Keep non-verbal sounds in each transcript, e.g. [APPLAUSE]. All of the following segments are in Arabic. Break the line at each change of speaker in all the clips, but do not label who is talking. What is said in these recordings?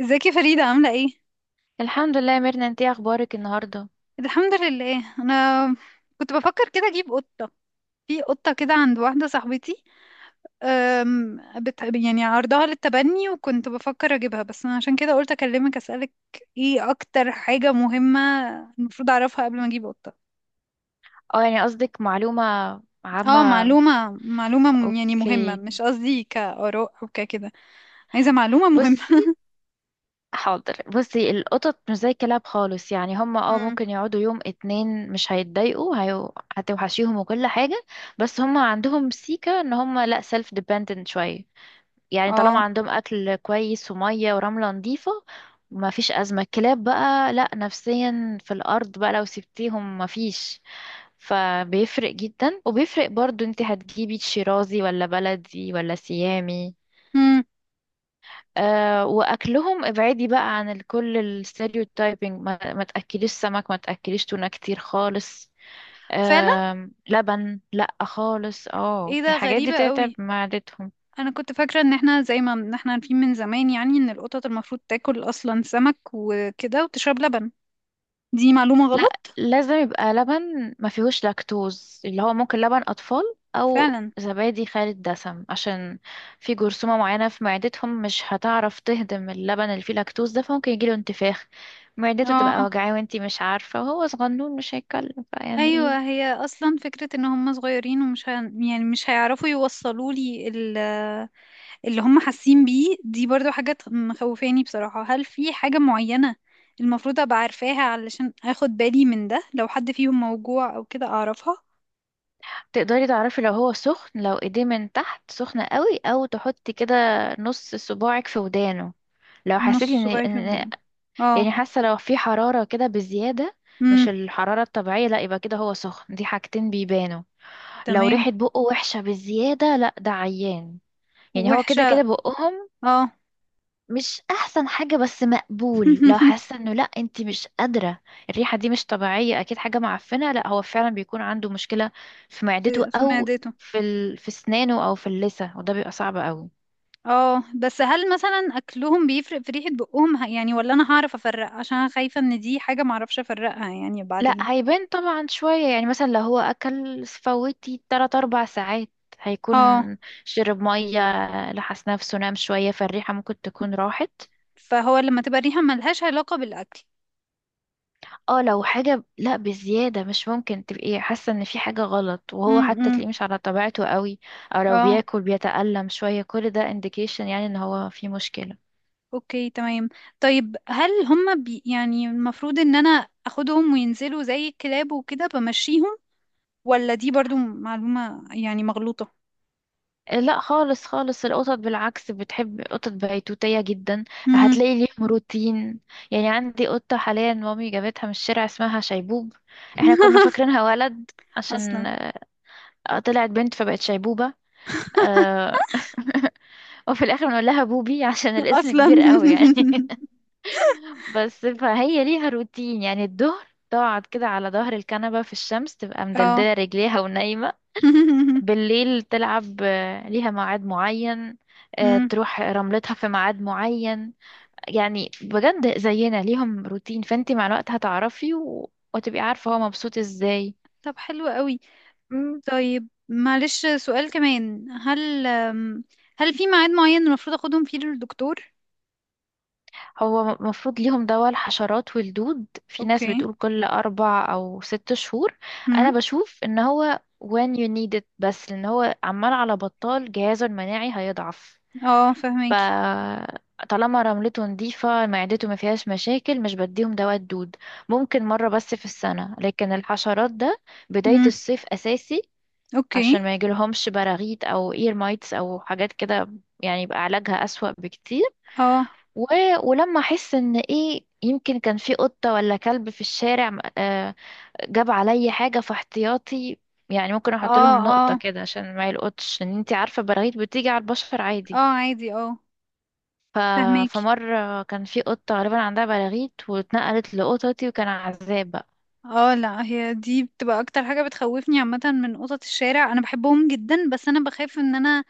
ازيك يا فريدة عاملة ايه؟
الحمد لله يا ميرنا، انتي إيه اخبارك النهارده؟
الحمد لله انا كنت بفكر كده اجيب قطة. في قطة كده عند واحدة صاحبتي. أم، بت... يعني عرضها للتبني وكنت بفكر اجيبها، بس انا عشان كده قلت اكلمك اسألك ايه اكتر حاجة مهمة المفروض اعرفها قبل ما اجيب قطة.
اه، يعني قصدك معلومة
اه،
عامة.
معلومة معلومة م- يعني مهمة،
اوكي،
مش قصدي كآراء او ككده. عايزة معلومة
بصي.
مهمة.
حاضر، بصي، القطط مش زي الكلاب خالص، يعني هما
[LAUGHS] مم.
ممكن يقعدوا يوم اتنين مش هيتضايقوا. هتوحشيهم وكل حاجة. بس هما عندهم سيكة ان هما لا، سيلف ديبندنت شوية، يعني طالما
اه.
عندهم اكل كويس ومية ورملة نظيفة ما فيش ازمة. الكلاب بقى لا، نفسيا في الارض بقى لو سبتيهم ما فيش. فبيفرق جدا، وبيفرق برضو انت هتجيبي شيرازي ولا بلدي ولا سيامي.
مم.
واكلهم ابعدي بقى عن كل الستيريوتايبنج، ما تاكليش سمك، ما تاكليش تونه كتير خالص.
فعلا.
لبن لا خالص،
ايه ده،
الحاجات دي
غريبة
تتعب
قوي.
معدتهم.
انا كنت فاكره ان احنا زي ما إن احنا عارفين من زمان يعني ان القطط المفروض تاكل اصلا سمك وكده وتشرب لبن. دي معلومه
لا،
غلط.
لازم يبقى لبن ما فيهوش لاكتوز، اللي هو ممكن لبن اطفال او
فعلا.
زبادي خالي الدسم، عشان في جرثومة معينة في معدتهم مش هتعرف تهضم اللبن اللي فيه لاكتوز ده، فممكن يجيله انتفاخ، معدته تبقى
اه.
وجعاه وانتي مش عارفة، وهو صغنون مش هيتكلم، فيعني
ايوه،
ايه.
هي اصلا فكره ان هم صغيرين ومش ه... يعني مش هيعرفوا يوصلوا اللي هم حاسين بيه، دي برضو مخوفاني بصراحه. هل في حاجه معينه المفروض ابقى عارفاها علشان اخد بالي من ده، لو حد فيهم موجوع او كده اعرفها؟
تقدري تعرفي لو هو سخن، لو ايديه من تحت سخنة قوي، او تحطي كده نص صباعك في ودانه. لو حسيتي
نص
ان
صباعي في
إن
وداني؟ اه.
يعني حاسة لو في حرارة كده بزيادة،
امم.
مش الحرارة الطبيعية، لا، يبقى كده هو سخن. دي حاجتين بيبانوا. لو
تمام.
ريحة بقه وحشة بزيادة، لا، ده عيان. يعني هو
وحشه.
كده كده بقهم
اه.
مش أحسن حاجة بس مقبول. لو
[LAUGHS]
حاسة إنه لا، أنتي مش قادرة، الريحة دي مش طبيعية، أكيد حاجة معفنة، لا، هو فعلا بيكون عنده مشكلة في معدته
في
أو
معدته.
في سنانه أو في اللثة، وده بيبقى صعب أوي.
اه بس هل مثلا اكلهم بيفرق في ريحة بقهم ولا انا هعرف افرق؟ عشان انا خايفة ان دي حاجة معرفش افرقها يعني
لا،
بعدين.
هيبان طبعا شوية، يعني مثلا لو هو أكل فوتي تلات أربع ساعات، هيكون
اه.
شرب مية، لحس نفسه، نام شوية، فالريحة ممكن تكون راحت.
فهو لما تبقى ريحة ملهاش علاقة بالاكل.
اه، لو حاجة لا بزيادة، مش ممكن تبقي حاسة ان في حاجة غلط، وهو حتى
امم.
تلاقيه مش على طبيعته قوي، او لو
اه.
بياكل بيتألم شوية، كل ده indication، يعني ان هو في مشكلة.
اوكي. تمام. طيب هل هما بي يعني المفروض ان انا اخدهم وينزلوا زي الكلاب وكده بمشيهم، ولا دي برضو معلومة يعني مغلوطة؟
لا خالص خالص، القطط بالعكس، بتحب قطط بيتوتية جدا.
امم.
هتلاقي ليهم روتين. يعني عندي قطة حاليا مامي جابتها من الشارع، اسمها شيبوب. احنا كنا
[LAUGHS]
فاكرينها ولد،
اصلا.
عشان طلعت بنت فبقت شيبوبة. آه. [LAUGHS] وفي الاخر بنقول لها بوبي عشان الاسم كبير
اصلا.
قوي يعني. [LAUGHS] بس فهي ليها روتين، يعني الظهر تقعد كده على ظهر الكنبة في الشمس، تبقى
[LAUGHS] اه.
مدلدلة رجليها ونايمة.
[LAUGHS]
بالليل تلعب، ليها ميعاد معين.
مم.
تروح رملتها في ميعاد معين. يعني بجد زينا، ليهم روتين، فانت مع الوقت هتعرفي، وتبقي عارفة هو مبسوط ازاي.
طب حلو قوي.
مم.
طيب معلش سؤال كمان، هل هل في ميعاد معين المفروض اخدهم فيه للدكتور؟
هو المفروض ليهم دواء الحشرات والدود. في ناس
اوكي.
بتقول كل أربع أو ست شهور.
امم.
أنا بشوف إن هو when you need it، بس لأن هو عمال على بطال جهازه المناعي هيضعف.
اه فهماكي.
فطالما رملته نظيفة، معدته ما فيهاش مشاكل، مش بديهم دواء الدود، ممكن مرة بس في السنة. لكن الحشرات ده بداية
امم.
الصيف أساسي،
اوكي.
عشان ما يجيلهمش براغيث أو إير مايتس أو حاجات كده، يعني يبقى علاجها أسوأ بكتير.
اه.
و... ولما أحس إن إيه يمكن كان في قطة ولا كلب في الشارع، جاب عليا حاجة في احتياطي. يعني ممكن احط
اه.
لهم نقطة
اه.
كده عشان ما يلقطش، ان انتي عارفة براغيث بتيجي على البشر
اه
عادي.
عادي، اه.
ف...
فهماكي.
فمرة كان في قطة غالبا عندها بلاغيت، واتنقلت لقطتي، وكان عذاب بقى.
اه لا، هي دي بتبقى اكتر حاجة بتخوفني عامة من قطط الشارع. انا بحبهم جدا بس انا بخاف ان انا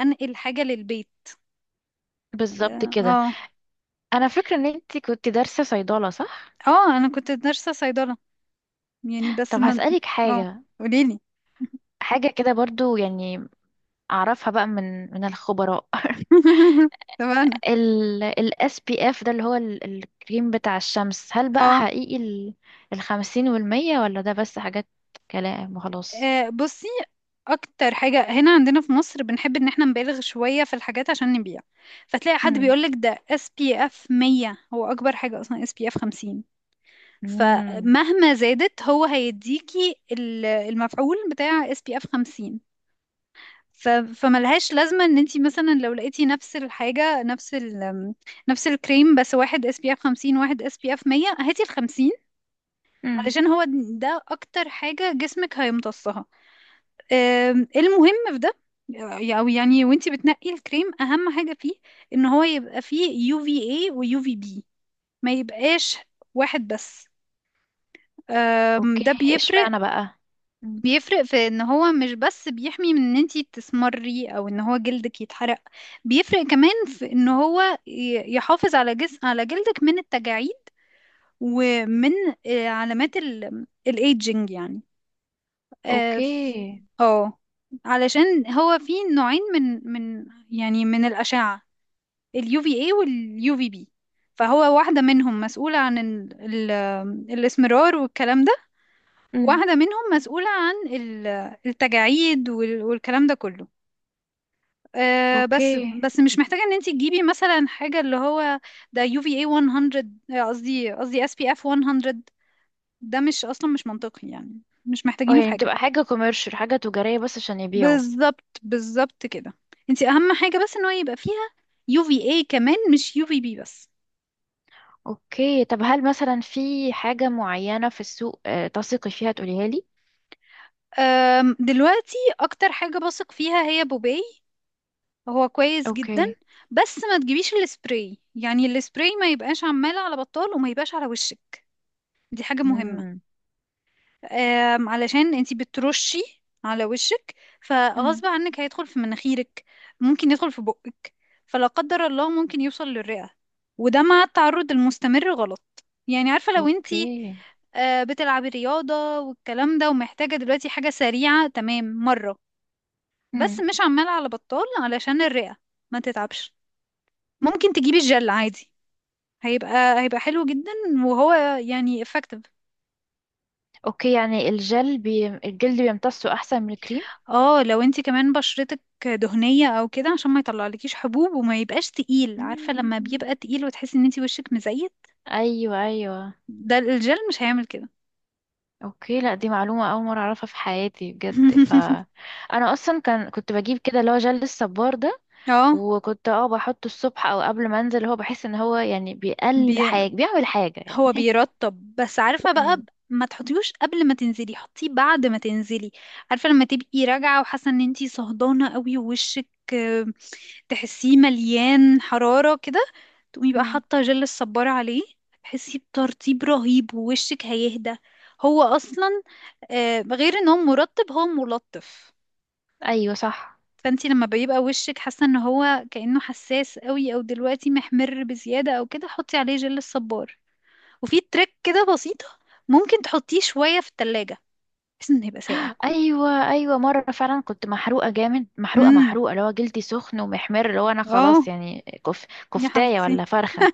انقل حاجة للبيت.
بالظبط كده.
اه.
انا فاكرة ان انتي كنت دارسة صيدلة، صح؟
اه انا كنت نرسة صيدلة يعني، بس
طب
ما.
هسألك
اه.
حاجة،
قوليلي.
حاجة كده برضو يعني، اعرفها بقى من الخبراء. [LAUGHS]
[LAUGHS] تمام.
ال SPF ده، اللي هو الكريم بتاع الشمس، هل بقى
اه.
حقيقي الخمسين والمية، ولا ده بس حاجات كلام وخلاص؟
بصي، اكتر حاجة هنا عندنا في مصر بنحب ان احنا نبالغ شوية في الحاجات عشان نبيع. فتلاقي حد
امم
بيقولك ده اس بي اف 100، هو اكبر حاجة اصلا اس بي اف 50.
امم
فمهما زادت هو هيديكي ال- المفعول بتاع اس بي اف 50. فملهاش لازمة ان انتي مثلا لو لقيتي نفس الحاجة، نفس الكريم بس واحد اس بي اف 50 واحد اس بي اف 100، هاتي ال 50. علشان هو ده اكتر حاجة جسمك هيمتصها. المهم في ده. او يعني وانتي بتنقي الكريم اهم حاجة فيه ان هو يبقى فيه يو في اي ويو في بي، ما يبقاش واحد بس.
اوكي.
ده بيفرق.
اشمعنى بقى؟ مم.
بيفرق في ان هو مش بس بيحمي من ان انتي تسمري او ان هو جلدك يتحرق، بيفرق كمان في ان هو يحافظ على جسم على جلدك من التجاعيد ومن علامات الايدجنج يعني. اه
اوكي.
آه. علشان هو في نوعين من من الأشعة، اليو في اي واليو في بي. فهو واحدة منهم مسؤولة عن ال الإسمرار والكلام ده،
امم.
وواحدة منهم مسؤولة عن ال- التجاعيد وال- والكلام ده كله. آه،
اوكي.
بس بس مش محتاجة ان انت تجيبي مثلا حاجة اللي هو ده يو في اي 100، قصدي اس بي اف 100. ده مش اصلا مش منطقي، يعني مش
اه،
محتاجينه في
يعني
حاجة.
بتبقى حاجة كوميرشال، حاجة تجارية بس عشان يبيعوا.
بالظبط، بالظبط كده. انت اهم حاجه بس ان هو يبقى فيها يو في اي كمان، مش يو في بي بس.
اوكي، طب هل مثلا في حاجة معينة في السوق تثقي فيها تقوليها لي؟
دلوقتي اكتر حاجه بثق فيها هي بوباي. هو كويس جدا.
اوكي.
بس ما تجيبيش السبراي، يعني السبراي ما يبقاش عمال على بطال وما يبقاش على وشك. دي حاجه مهمه.
امم.
علشان انتي بترشي على وشك،
امم.
فغصب عنك هيدخل في مناخيرك، ممكن يدخل في بقك، فلا قدر الله ممكن يوصل للرئة. وده مع التعرض المستمر غلط يعني. عارفة لو انتي
اوكي.
بتلعبي رياضة والكلام ده ومحتاجة دلوقتي حاجة سريعة، تمام مرة، بس
امم.
مش عمالة على بطال علشان الرئة ما تتعبش. ممكن تجيبي الجل عادي، هيبقى حلو جدا وهو يعني effective.
اوكي، يعني الجلد بيمتصه احسن من الكريم؟
اه لو انتي كمان بشرتك دهنية او كده، عشان ما يطلعلكيش حبوب وما يبقاش تقيل، عارفة
مم.
لما بيبقى تقيل وتحسي ان انتي وشك مزيت،
ايوه، ايوه.
ده الجل مش هيعمل كده.
اوكي، لا، دي معلومه اول مره اعرفها في حياتي بجد،
[LAUGHS]
انا اصلا كان كنت بجيب كده اللي هو جل الصبار ده،
اه.
وكنت بحطه الصبح او قبل ما انزل، هو بحس ان هو يعني بيقل
بي...
حاجة بيعمل حاجة
هو
يعني.
بيرطب بس، عارفة بقى
امم.
ما تحطيهوش قبل ما تنزلي، حطيه بعد ما تنزلي. عارفة لما تبقي راجعة وحاسة ان انتي صهدانة قوي ووشك، آه، تحسيه مليان حرارة كده، تقومي بقى
مم.
حاطة جل الصبارة عليه، تحسي بترطيب رهيب ووشك هيهدى. هو اصلا غير ان هو مرطب هو ملطف.
ايوه، صح.
فانتي لما بيبقى وشك حاسة ان هو كأنه حساس قوي او دلوقتي محمر بزيادة او كده، حطي عليه جل الصبار. وفي تريك كده بسيطة، ممكن تحطيه شوية في التلاجة بحيث انه يبقى ساقع.
ايوه، ايوه، مرة فعلا كنت محروقة جامد، محروقة
امم.
محروقة، اللي هو جلدي سخن ومحمر، اللي هو انا خلاص
اه.
يعني كف...
يا
كفتاية ولا
حبيبتي.
فرخة.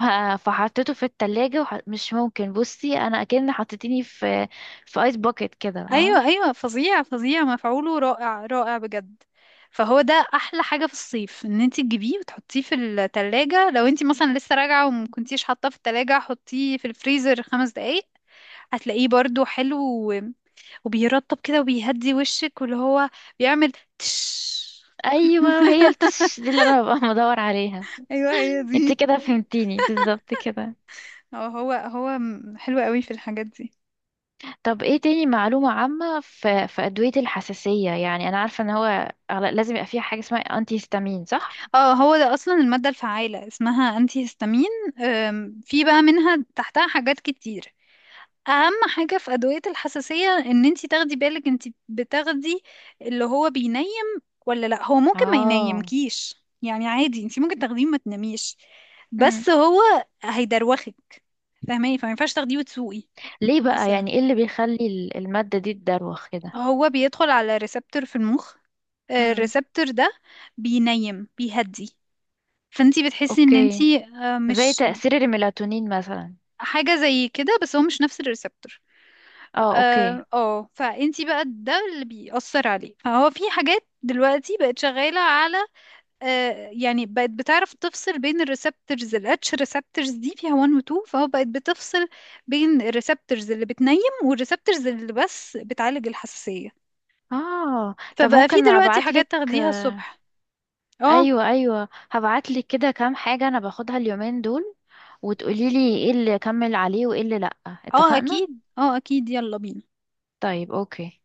ف- فحطيته في التلاجة، مش ممكن، بصي انا اكن حطيتيني في ايس باكيت كده، اه.
ايوه، ايوه، فظيع فظيع، مفعوله رائع رائع بجد. فهو ده احلى حاجة في الصيف ان انتي تجيبيه وتحطيه في التلاجة. لو انتي مثلا لسه راجعة وما كنتيش حاطاه في التلاجة، حطيه في الفريزر خمس دقايق، هتلاقيه برضو حلو. و... وبيرطب كده وبيهدي وشك، واللي هو بيعمل تش.
ايوه هي التش دي اللي انا ببقى [LAUGHS] بدور عليها.
ايوه هي
انت
دي.
كده فهمتيني بالظبط كده.
هو حلو قوي في الحاجات دي.
طب ايه تاني معلومة عامة؟ في أدوية الحساسية، يعني أنا عارفة إن هو لازم يبقى فيها حاجة اسمها أنتي هيستامين، صح؟
اه هو ده اصلا المادة الفعالة اسمها انتي هيستامين. في بقى منها تحتها حاجات كتير. اهم حاجة في ادوية الحساسية ان انتي تاخدي بالك انتي بتاخدي اللي هو بينيم ولا لا، هو ممكن ما
اه.
ينيمكيش. يعني عادي انتي ممكن تاخديه ما تناميش،
مم.
بس هو هيدروخك، فاهماني؟ فما ينفعش تاخديه وتسوقي.
ليه بقى؟
مثلا
يعني ايه اللي بيخلي المادة دي تدروخ كده؟
هو بيدخل على ريسبتور في المخ،
امم.
الريسبتور ده بينيم بيهدي، فانتي بتحسي ان
اوكي،
انتي
زي
مش
تأثير الميلاتونين مثلا.
حاجة زي كده، بس هو مش نفس الريسبتور.
اه، اوكي.
اه. فانتي بقى ده اللي بيأثر عليه. فهو في حاجات دلوقتي بقت شغالة على آه، يعني بقت بتعرف تفصل بين الريسبتورز. الاتش ريسبتورز دي فيها 1 و 2، فهو بقت بتفصل بين الريسبتورز اللي بتنيم والريسبتورز اللي بس بتعالج الحساسية.
اه، طب
فبقى في
ممكن
دلوقتي
ابعتلك؟
حاجات تاخديها
آه.
الصبح. اه.
ايوه، ايوه، هبعتلك كده كام حاجة انا باخدها اليومين دول، وتقوليلي ايه اللي اكمل عليه وايه اللي لأ،
اه
اتفقنا؟
اكيد، اه اكيد، يلا بينا.
طيب، اوكي.